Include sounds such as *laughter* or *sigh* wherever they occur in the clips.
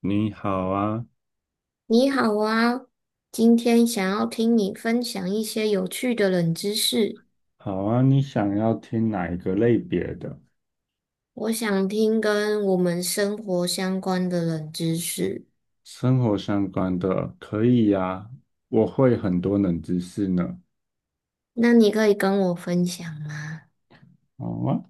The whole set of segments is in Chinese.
你好啊，你好啊，今天想要听你分享一些有趣的冷知识，好啊，你想要听哪一个类别的？我想听跟我们生活相关的冷知识，生活相关的可以呀，我会很多冷知识呢。那你可以跟我分享吗？好啊，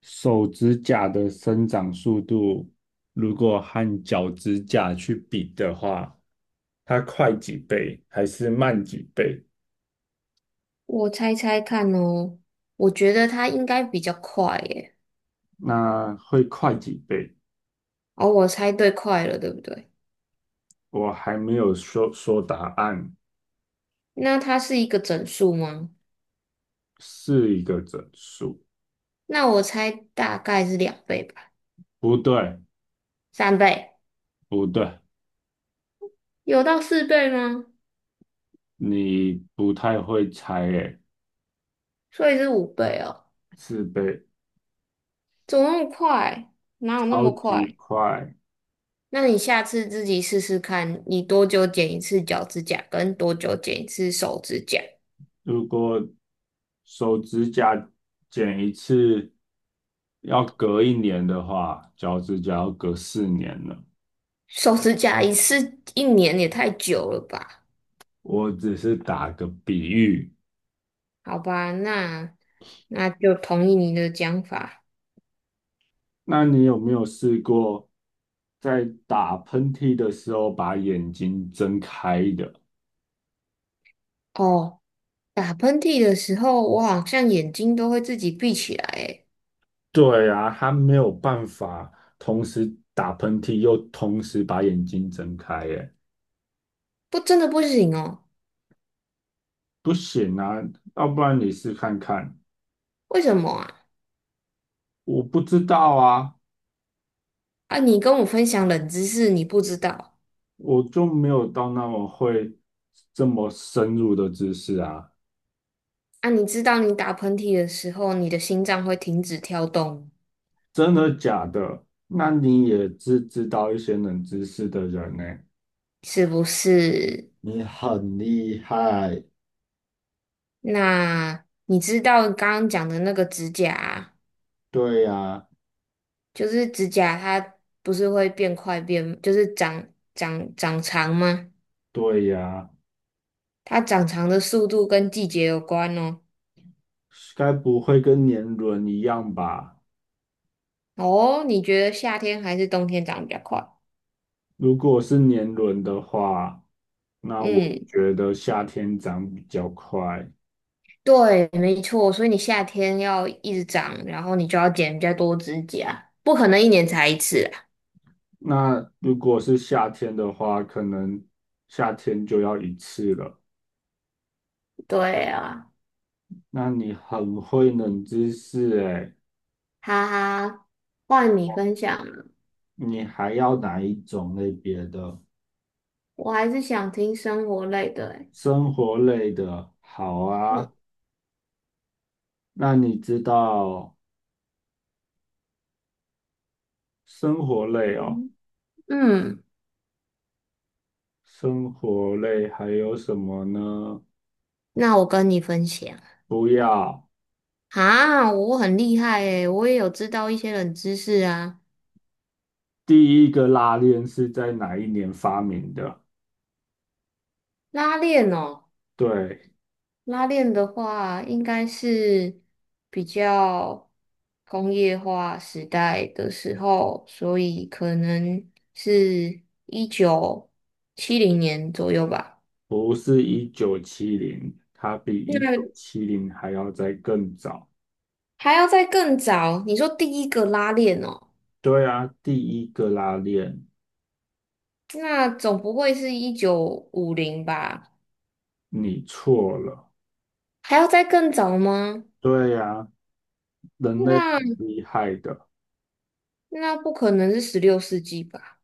手指甲的生长速度，如果和脚趾甲去比的话，它快几倍还是慢几倍？我猜猜看哦，我觉得它应该比较快耶。那会快几倍？哦，我猜对快了，对不对？我还没有说答案，那它是一个整数吗？是一个整数。那我猜大概是两倍吧，不对，三倍，不对。有到四倍吗？你不太会猜诶，所以是五倍哦，是被怎么那么快？哪有那超么级快？快。那你下次自己试试看，你多久剪一次脚趾甲，跟多久剪一次手指甲？如果手指甲剪一次要隔一年的话，脚趾甲要隔4年了。手指甲一次一年也太久了吧？我只是打个比喻。好吧，那就同意你的讲法。那你有没有试过在打喷嚏的时候把眼睛睁开的？哦，打喷嚏的时候，我好像眼睛都会自己闭起来，诶，对啊，他没有办法同时打喷嚏又同时把眼睛睁开耶。不，真的不行哦。不行啊，要不然你试看看。为什么啊？我不知道啊，啊，你跟我分享冷知识，你不知道我就没有到那么会这么深入的知识啊。啊？你知道你打喷嚏的时候，你的心脏会停止跳动，真的假的？那你也知道一些冷知识的人呢、是不是？你很厉害，那你知道刚刚讲的那个指甲啊对呀，就是指甲它不是会变快变，就是长长长长吗？对呀，它长长的速度跟季节有关哦。该不会跟年轮一样吧？哦，你觉得夏天还是冬天长比较快？如果是年轮的话，那我嗯，觉得夏天长比较快。对，没错，所以你夏天要一直长，然后你就要剪比较多指甲，不可能一年才一次啊。那如果是夏天的话，可能夏天就要一次了。对啊，那你很会冷知识诶，哈哈，换你分享了，你还要哪一种类别的？我还是想听生活类的欸。生活类的，好啊。嗯那你知道生活类哦？嗯嗯，生活类还有什么呢？那我跟你分享不要，啊，我很厉害诶，我也有知道一些冷知识啊。第一个拉链是在哪一年发明的？拉链哦，对，拉链的话应该是比较工业化时代的时候，所以可能是1970年左右吧。不是一九七零，它比一九那七零还要再更早。还要再更早，你说第一个拉链哦，对啊，第一个拉链那总不会是1950吧？你错了。还要再更早吗？对呀，人类很那厉害的，那不可能是16世纪吧？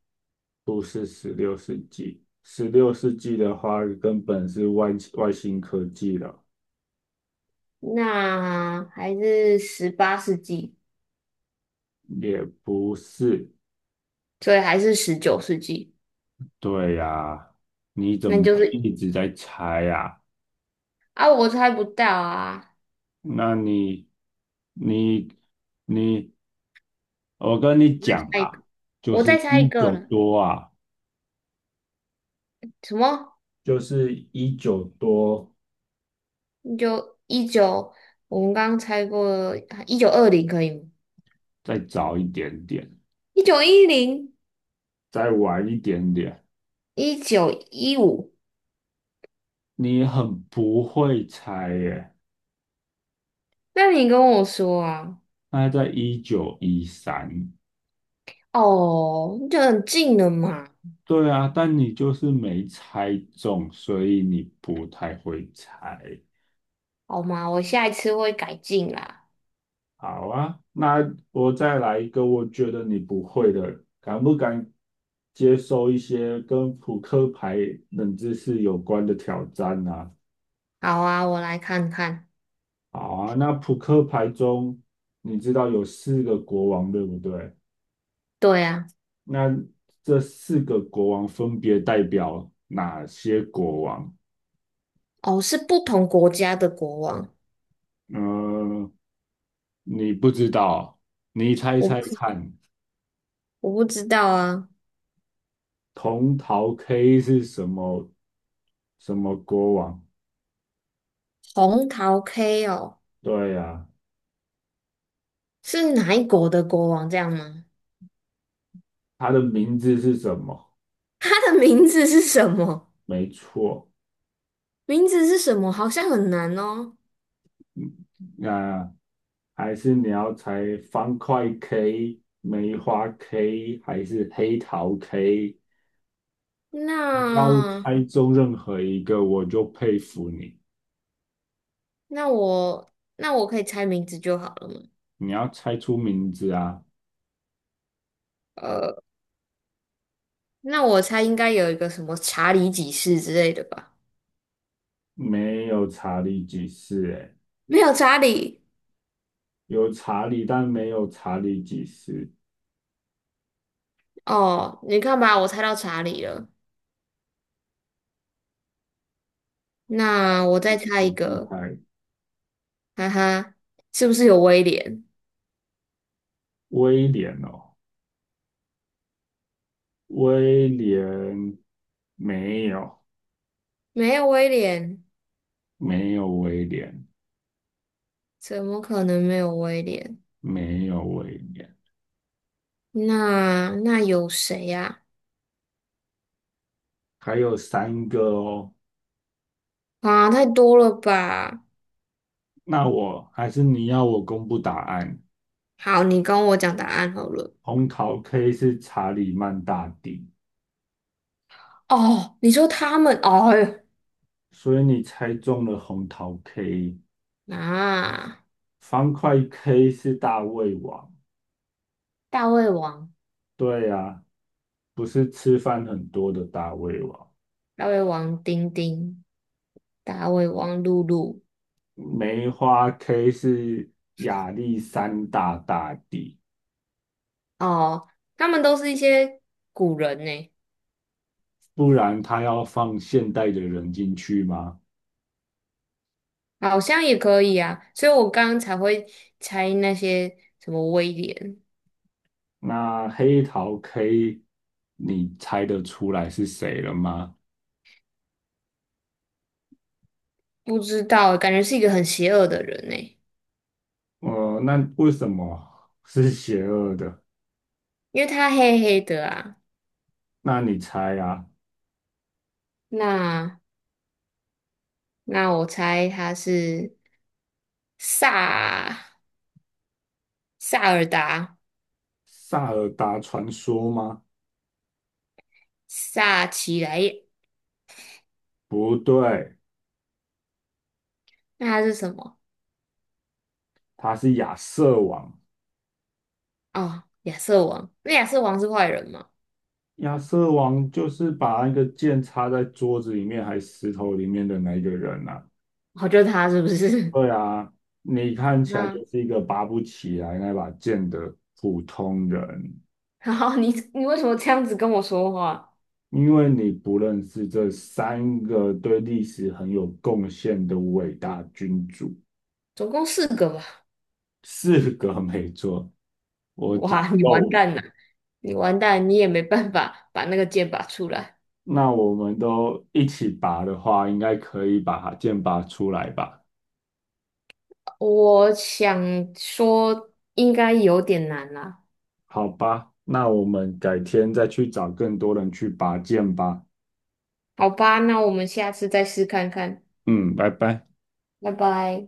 不是十六世纪。十六世纪的话，根本是外星科技了，那还是18世纪，也不是。所以还是19世纪。对呀，你怎那么就是一直在猜呀？啊，我猜不到啊，那你、你、你，我跟你讲猜一个，啊，就我是再猜一一个九了。多啊，什么？就是一九多，你就一九，我们刚刚猜过1920可以吗？再早一点点。1910，再晚一点点，1915。你很不会猜耶。那你跟我说啊，那在1913，哦，就很近了嘛，对啊，但你就是没猜中，所以你不太会猜。好吗？我下一次会改进啦。好啊，那我再来一个，我觉得你不会的，敢不敢接受一些跟扑克牌冷知识有关的挑战呢、啊好啊，我来看看。好啊，那扑克牌中，你知道有四个国王，对不对？对啊。那这四个国王分别代表哪些国王？哦，是不同国家的国王，嗯，你不知道，你猜我猜不看，我不知道啊。铜桃 K 是什么国王？红桃 K 哦，对呀、是哪一国的国王这样吗？他的名字是什么？他的名字是什么？没错，名字是什么？好像很难哦。那还是你要猜方块 K、梅花 K 还是黑桃 K？你要那猜中任何一个，我就佩服你。那我我可以猜名字就好了嘛。你要猜出名字啊！呃，那我猜应该有一个什么查理几世之类的吧？没有查理几世，诶，*laughs* 没有查理有查理，但没有查理几世，哦，你看吧，我猜到查理了。那我再猜一很厉个，害。哈哈，是不是有威廉？威廉哦，威廉没有，没有威廉，没有威廉，怎么可能没有威廉？没有威廉，那有谁呀、还有三个哦。啊？太多了吧？那我还是你要我公布答案，好，你跟我讲答案好了。红桃 K 是查理曼大帝，哦，你说他们，哦呦，所以你猜中了红桃 K，啊，方块 K 是大胃王。大胃王、对呀、不是吃饭很多的大胃王，大胃王丁丁、大胃王露露，梅花 K 是亚历山大大帝，哦，他们都是一些古人呢，不然他要放现代的人进去吗？好像也可以啊，所以我刚刚才会猜那些什么威廉，那黑桃 K，你猜得出来是谁了吗？不知道，感觉是一个很邪恶的人呢。呃，那为什么是邪恶的？因为他黑黑的啊，那你猜啊，那那我猜他是萨萨尔达萨尔达传说吗？萨奇莱耶，不对，那他是什么？他是亚瑟王。哦，亚瑟王，那亚瑟王是坏人吗？亚瑟王就是把那个剑插在桌子里面还石头里面的那一个人啊。哦，就是他是不是？对啊，你看 *laughs* 起来那就是一个拔不起来那把剑的普通人，然后你为什么这样子跟我说话？因为你不认识这三个对历史很有贡献的伟大君主。总共四个吧？四个没错，我讲哇，你完漏了。蛋了，你完蛋，你也没办法把那个剑拔出来。那我们都一起拔的话，应该可以把剑拔出来吧？我想说应该有点难啦，好吧，那我们改天再去找更多人去拔剑吧。好吧，那我们下次再试看看。嗯，拜拜。拜拜。